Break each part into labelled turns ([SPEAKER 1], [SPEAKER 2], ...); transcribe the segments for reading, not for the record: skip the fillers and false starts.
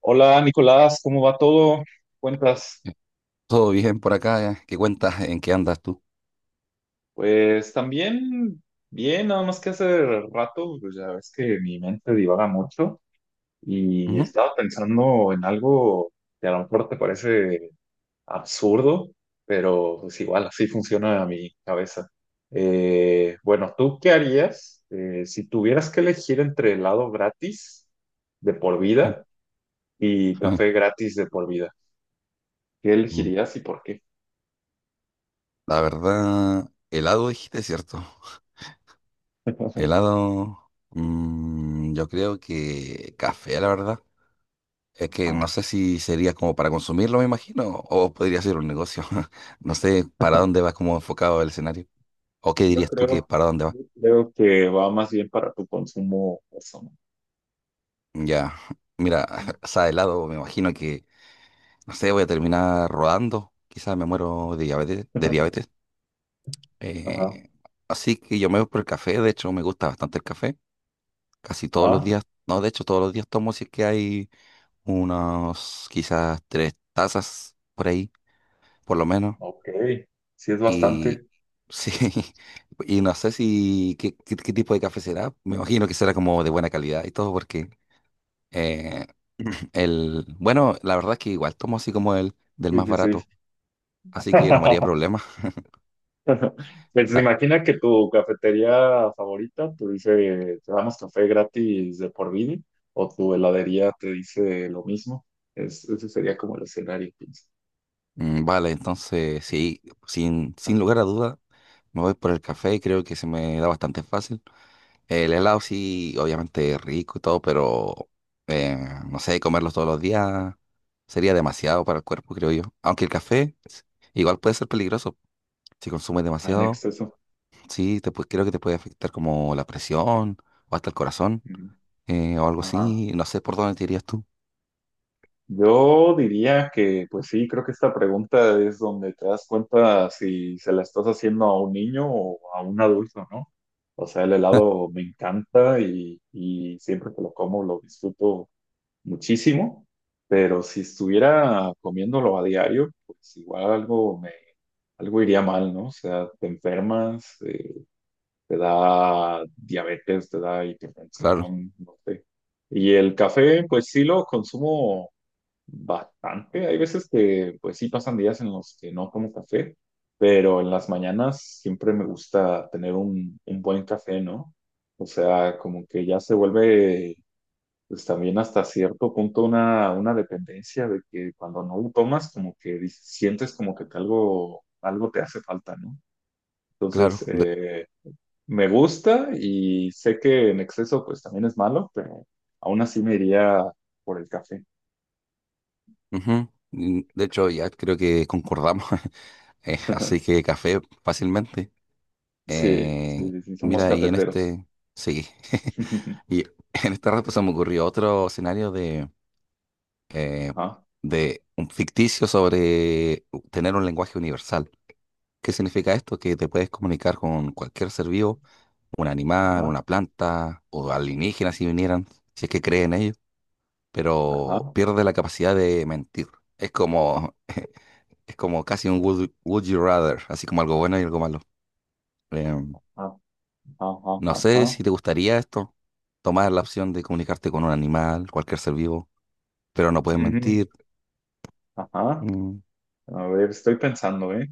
[SPEAKER 1] Hola Nicolás, ¿cómo va todo? ¿Cuentas?
[SPEAKER 2] Todo bien por acá, ¿Qué cuentas? ¿En qué andas tú?
[SPEAKER 1] Pues también bien, nada más que hace rato, pues ya ves que mi mente divaga mucho y
[SPEAKER 2] Ujú.
[SPEAKER 1] estaba pensando en algo que a lo mejor te parece absurdo, pero pues igual así funciona mi cabeza. Bueno, ¿tú qué harías si tuvieras que elegir entre helado gratis de por vida y café gratis de por vida? ¿Qué
[SPEAKER 2] Mm,
[SPEAKER 1] elegirías y por qué?
[SPEAKER 2] La verdad, helado dijiste, ¿cierto? Helado, yo creo que café, la verdad. Es que no sé si sería como para consumirlo, me imagino, o podría ser un negocio. No sé para dónde va como enfocado el escenario. ¿O qué
[SPEAKER 1] Yo
[SPEAKER 2] dirías tú que
[SPEAKER 1] creo,
[SPEAKER 2] para dónde va?
[SPEAKER 1] yo creo que va más bien para tu consumo personal.
[SPEAKER 2] Ya, mira,
[SPEAKER 1] Ujú.
[SPEAKER 2] o sea, helado, me imagino no sé, voy a terminar rodando. Quizás me muero de diabetes, de diabetes.
[SPEAKER 1] Ajá.
[SPEAKER 2] Eh, Así que yo me voy por el café, de hecho me gusta bastante el café, casi todos los
[SPEAKER 1] Ah,
[SPEAKER 2] días, no, de hecho todos los días tomo si es que hay unos quizás 3 tazas por ahí, por lo menos,
[SPEAKER 1] ok. Sí, es
[SPEAKER 2] y
[SPEAKER 1] bastante.
[SPEAKER 2] sí, y no sé si qué tipo de café será, me imagino que será como de buena calidad y todo, porque eh, el, bueno, la verdad es que igual tomo así como el del más
[SPEAKER 1] Sí, sí, sí.
[SPEAKER 2] barato, así que no me haría problema,
[SPEAKER 1] Pues imagina que tu cafetería favorita te dice, te damos café gratis de por vida, o tu heladería te dice lo mismo. Ese sería como el escenario, pienso.
[SPEAKER 2] Vale, entonces sí, sin
[SPEAKER 1] Ajá.
[SPEAKER 2] lugar a duda, me voy por el café,
[SPEAKER 1] Café.
[SPEAKER 2] creo que se me da bastante fácil. El helado sí, obviamente rico y todo, pero eh, no sé, comerlo todos los días sería demasiado para el cuerpo, creo yo. Aunque el café igual puede ser peligroso, si consumes
[SPEAKER 1] Ajá, en
[SPEAKER 2] demasiado,
[SPEAKER 1] exceso.
[SPEAKER 2] sí, creo que te puede afectar como la presión o hasta el corazón,
[SPEAKER 1] Ujú.
[SPEAKER 2] o algo
[SPEAKER 1] Ajá.
[SPEAKER 2] así, no sé por dónde te irías tú.
[SPEAKER 1] Yo diría que, pues sí, creo que esta pregunta es donde te das cuenta si se la estás haciendo a un niño o a un adulto, ¿no? O sea, el helado me encanta y, siempre que lo como lo disfruto muchísimo, pero si estuviera comiéndolo a diario, pues algo iría mal, ¿no? O sea, te enfermas, te da diabetes, te da
[SPEAKER 2] Claro,
[SPEAKER 1] hipertensión, no sé. Y el café, pues sí lo consumo bastante. Hay veces que, pues sí, pasan días en los que no tomo café, pero en las mañanas siempre me gusta tener un buen café, ¿no? O sea, como que ya se vuelve, pues también hasta cierto punto una dependencia de que cuando no lo tomas, como que sientes como que te algo te hace falta, ¿no?
[SPEAKER 2] claro.
[SPEAKER 1] Entonces, me gusta y sé que en exceso, pues también es malo, pero aún así me iría por el café.
[SPEAKER 2] Ujú. De hecho, ya creo que concordamos. Así que café fácilmente.
[SPEAKER 1] Sí, sí,
[SPEAKER 2] Eh,
[SPEAKER 1] sí, sí, somos
[SPEAKER 2] Mira,
[SPEAKER 1] cafeteros.
[SPEAKER 2] sí, y en esta se me ocurrió otro escenario eh,
[SPEAKER 1] Ajá,
[SPEAKER 2] de un ficticio sobre tener un lenguaje universal. ¿Qué significa esto? Que te puedes comunicar con cualquier ser vivo, un animal,
[SPEAKER 1] ajá,
[SPEAKER 2] una planta o alienígenas si vinieran, si es que creen ellos, pero
[SPEAKER 1] ajá,
[SPEAKER 2] pierde la capacidad de mentir. Es como, es como casi un would you rather, así como algo bueno y algo malo. Em,
[SPEAKER 1] ajá, ajá,
[SPEAKER 2] No sé
[SPEAKER 1] ajá,
[SPEAKER 2] si te gustaría esto, tomar la opción de comunicarte con un animal, cualquier ser vivo, pero no puedes
[SPEAKER 1] ujú,
[SPEAKER 2] mentir.
[SPEAKER 1] ajá.
[SPEAKER 2] Mm,
[SPEAKER 1] A ver, estoy pensando, ¿eh?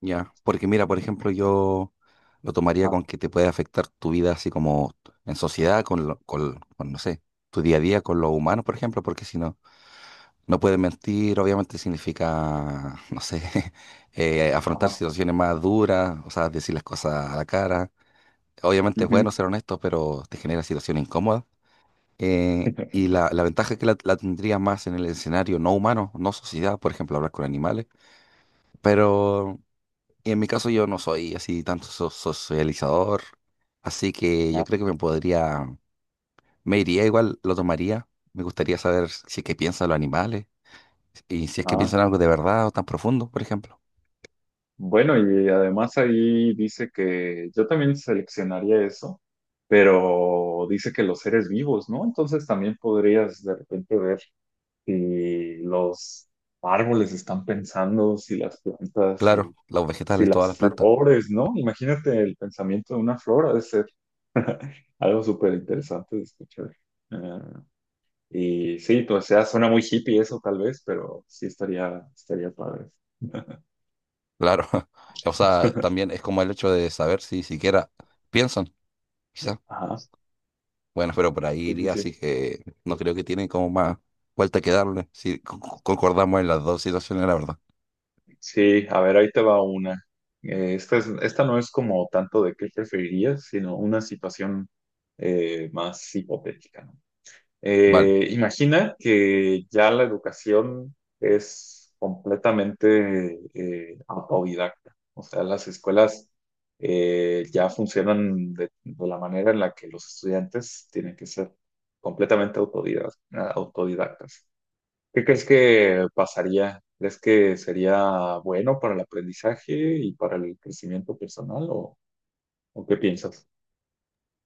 [SPEAKER 2] ya, porque mira, por
[SPEAKER 1] Mm,
[SPEAKER 2] ejemplo, yo lo tomaría
[SPEAKER 1] ajá,
[SPEAKER 2] con que te puede afectar tu vida así como en sociedad, con, no sé, tu día a día con los humanos, por ejemplo, porque si no, no puedes mentir, obviamente significa, no sé, afrontar
[SPEAKER 1] ajá,
[SPEAKER 2] situaciones más duras, o sea, decir las cosas a la cara. Obviamente es bueno
[SPEAKER 1] ujú,
[SPEAKER 2] ser honesto, pero te genera situaciones incómodas. Y la ventaja es que la tendría más en el escenario no humano, no sociedad, por ejemplo, hablar con animales. Pero en mi caso yo no soy así tanto socializador, así que yo
[SPEAKER 1] ajá,
[SPEAKER 2] creo que me iría igual, lo tomaría. Me gustaría saber si es que piensan los animales y si es que
[SPEAKER 1] ajá.
[SPEAKER 2] piensan algo de verdad o tan profundo, por ejemplo.
[SPEAKER 1] Bueno, y además ahí dice que yo también seleccionaría eso, pero dice que los seres vivos, ¿no? Entonces también podrías de repente ver si los árboles están pensando, si las plantas,
[SPEAKER 2] Claro,
[SPEAKER 1] si
[SPEAKER 2] los
[SPEAKER 1] Si
[SPEAKER 2] vegetales, todas
[SPEAKER 1] las
[SPEAKER 2] las plantas.
[SPEAKER 1] flores, ¿no? Imagínate el pensamiento de una flor, ha de ser algo súper interesante de escuchar. Ah, y sí, pues, o sea, suena muy hippie eso tal vez, pero sí estaría padre.
[SPEAKER 2] Claro, o sea, también es como el hecho de saber si siquiera piensan, quizás.
[SPEAKER 1] Ajá,
[SPEAKER 2] Bueno, pero por ahí
[SPEAKER 1] sí, sí,
[SPEAKER 2] iría,
[SPEAKER 1] sí.
[SPEAKER 2] así que no creo que tiene como más vuelta que darle, si concordamos en las dos situaciones, la verdad.
[SPEAKER 1] Sí, a ver, ahí te va una. Esta no es como tanto de qué preferirías, sino una situación más hipotética, ¿no?
[SPEAKER 2] Vale,
[SPEAKER 1] Imagina que ya la educación es completamente autodidacta. O sea, las escuelas ya funcionan de la manera en la que los estudiantes tienen que ser completamente autodidactas. ¿Qué crees que pasaría? ¿Crees que sería bueno para el aprendizaje y para el crecimiento personal o, qué piensas?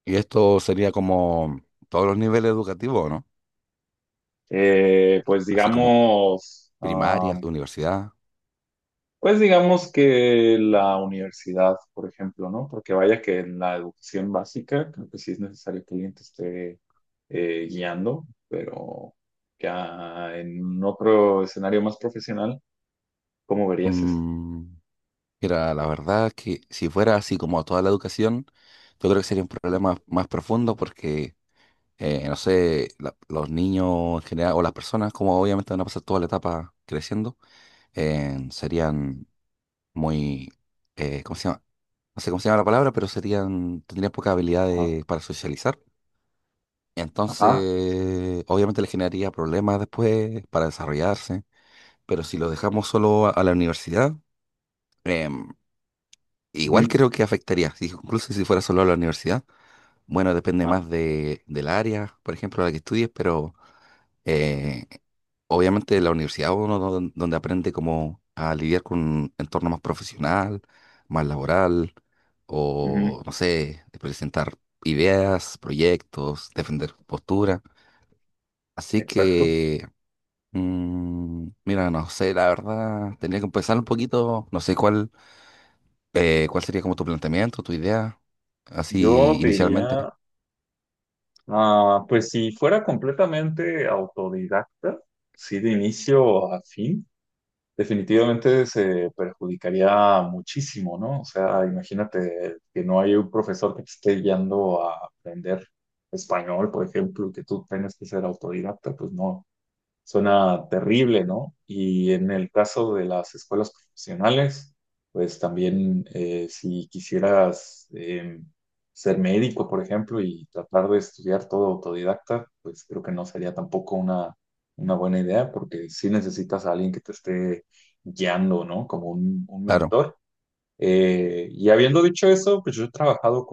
[SPEAKER 2] y esto sería como todos los niveles educativos, ¿no?
[SPEAKER 1] Pues
[SPEAKER 2] Así como
[SPEAKER 1] digamos,
[SPEAKER 2] primarias, universidad.
[SPEAKER 1] pues digamos que la universidad, por ejemplo, ¿no? Porque vaya que en la educación básica creo que sí es necesario que alguien te esté guiando, pero ya en otro escenario más profesional, ¿cómo verías eso?
[SPEAKER 2] Mm, Mira, la verdad es que si fuera así como toda la educación, yo creo que sería un problema más profundo porque, no sé, los niños en general o las personas, como obviamente van a pasar toda la etapa creciendo, serían muy... ¿cómo se llama? No sé cómo se llama la palabra, pero serían, tendrían poca habilidad
[SPEAKER 1] Ajá,
[SPEAKER 2] para socializar.
[SPEAKER 1] ajá,
[SPEAKER 2] Entonces, obviamente le generaría problemas después para desarrollarse, pero si lo dejamos solo a la universidad, em, igual
[SPEAKER 1] ujú,
[SPEAKER 2] creo que afectaría, incluso si fuera solo a la universidad. Bueno, depende
[SPEAKER 1] ajá,
[SPEAKER 2] más del área, por ejemplo, a la que estudies, pero eh, obviamente la universidad uno donde aprende cómo a lidiar con un entorno más profesional, más laboral,
[SPEAKER 1] ujú,
[SPEAKER 2] o no sé, de presentar ideas, proyectos, defender postura. Así
[SPEAKER 1] exacto.
[SPEAKER 2] que, mira, no sé, la verdad, tendría que empezar un poquito, no sé cuál, cuál sería como tu planteamiento, tu idea,
[SPEAKER 1] Yo
[SPEAKER 2] así
[SPEAKER 1] te
[SPEAKER 2] inicialmente.
[SPEAKER 1] diría, ah, pues si fuera completamente autodidacta, sí de inicio a fin. Definitivamente se perjudicaría muchísimo, ¿no? O sea, imagínate que no hay un profesor que te esté guiando a aprender español, por ejemplo, que tú tienes que ser autodidacta, pues no. Suena terrible, ¿no? Y en el caso de las escuelas profesionales, pues también si quisieras ser médico, por ejemplo, y tratar de estudiar todo autodidacta, pues creo que no sería tampoco una buena idea, porque sí necesitas a alguien que te esté guiando, ¿no? Como un
[SPEAKER 2] Claro,
[SPEAKER 1] mentor. Y habiendo dicho eso, pues yo he trabajado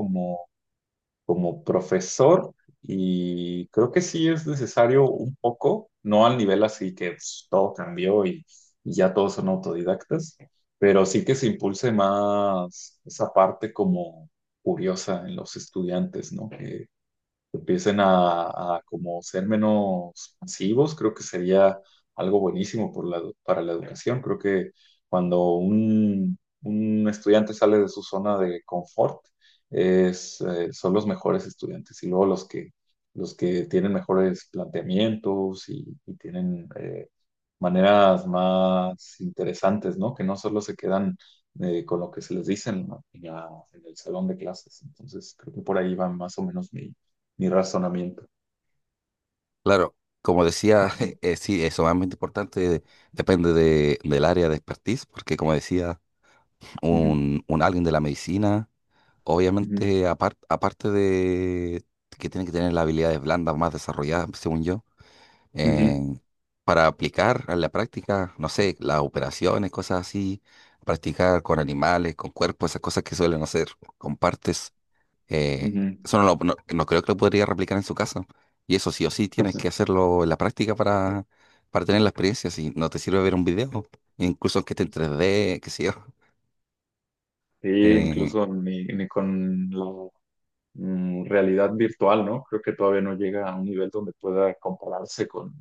[SPEAKER 1] como profesor y creo que sí es necesario un poco, no al nivel así que pues, todo cambió y, ya todos son autodidactas, pero sí que se impulse más esa parte como curiosa en los estudiantes, ¿no? Que empiecen a como ser menos pasivos, creo que sería algo buenísimo para la educación. Creo que cuando un estudiante sale de su zona de confort, son los mejores estudiantes y luego los que tienen mejores planteamientos y, tienen maneras más interesantes, ¿no? Que no solo se quedan con lo que se les dice en el salón de clases. Entonces, creo que por ahí va más o menos mi razonamiento.
[SPEAKER 2] claro. Como decía, sí, eso es muy importante, depende del área de expertise, porque como decía,
[SPEAKER 1] Ujú,
[SPEAKER 2] un alguien de la medicina,
[SPEAKER 1] ujú,
[SPEAKER 2] obviamente aparte de que tiene que tener las habilidades blandas más desarrolladas, según yo, eh,
[SPEAKER 1] ujú,
[SPEAKER 2] para aplicar a la práctica, no sé, las operaciones, cosas así, practicar con animales, con cuerpos, esas cosas que suelen hacer con partes, eh,
[SPEAKER 1] ujú,
[SPEAKER 2] eso no, no, no creo que lo podría replicar en su casa. Y eso sí o sí tienes
[SPEAKER 1] ujú.
[SPEAKER 2] que hacerlo en la práctica para tener la experiencia, si no te sirve ver un video, incluso aunque esté en 3D qué sé yo.
[SPEAKER 1] Sí,
[SPEAKER 2] Eh,
[SPEAKER 1] incluso ni con la realidad virtual, ¿no? Creo que todavía no llega a un nivel donde pueda compararse con,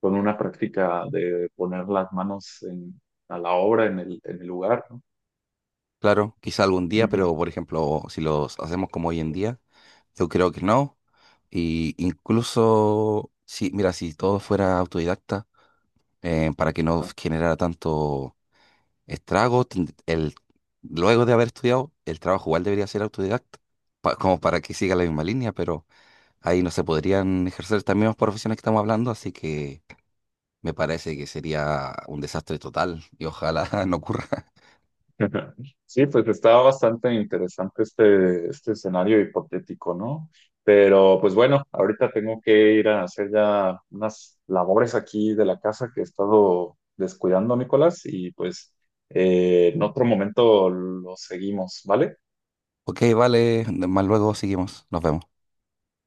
[SPEAKER 1] con una práctica de poner las manos a la obra, en el, lugar, ¿no?
[SPEAKER 2] Claro, quizá algún día,
[SPEAKER 1] Ujú.
[SPEAKER 2] pero por ejemplo, si los hacemos como hoy en día, yo creo que no. Y incluso, si, mira, si todo fuera autodidacta, para que no
[SPEAKER 1] Ah.
[SPEAKER 2] generara tanto estrago, el, luego de haber estudiado, el trabajo igual debería ser autodidacta, como para que siga la misma línea, pero ahí no se podrían ejercer estas mismas profesiones que estamos hablando, así que me parece que sería un desastre total y ojalá no ocurra.
[SPEAKER 1] Sí, pues estaba bastante interesante este escenario hipotético, ¿no? Pero pues bueno, ahorita tengo que ir a hacer ya unas labores aquí de la casa que he estado descuidando, Nicolás, y pues en otro momento lo seguimos, ¿vale?
[SPEAKER 2] Ok, vale, más luego seguimos, nos vemos.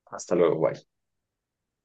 [SPEAKER 1] Hasta luego, bye.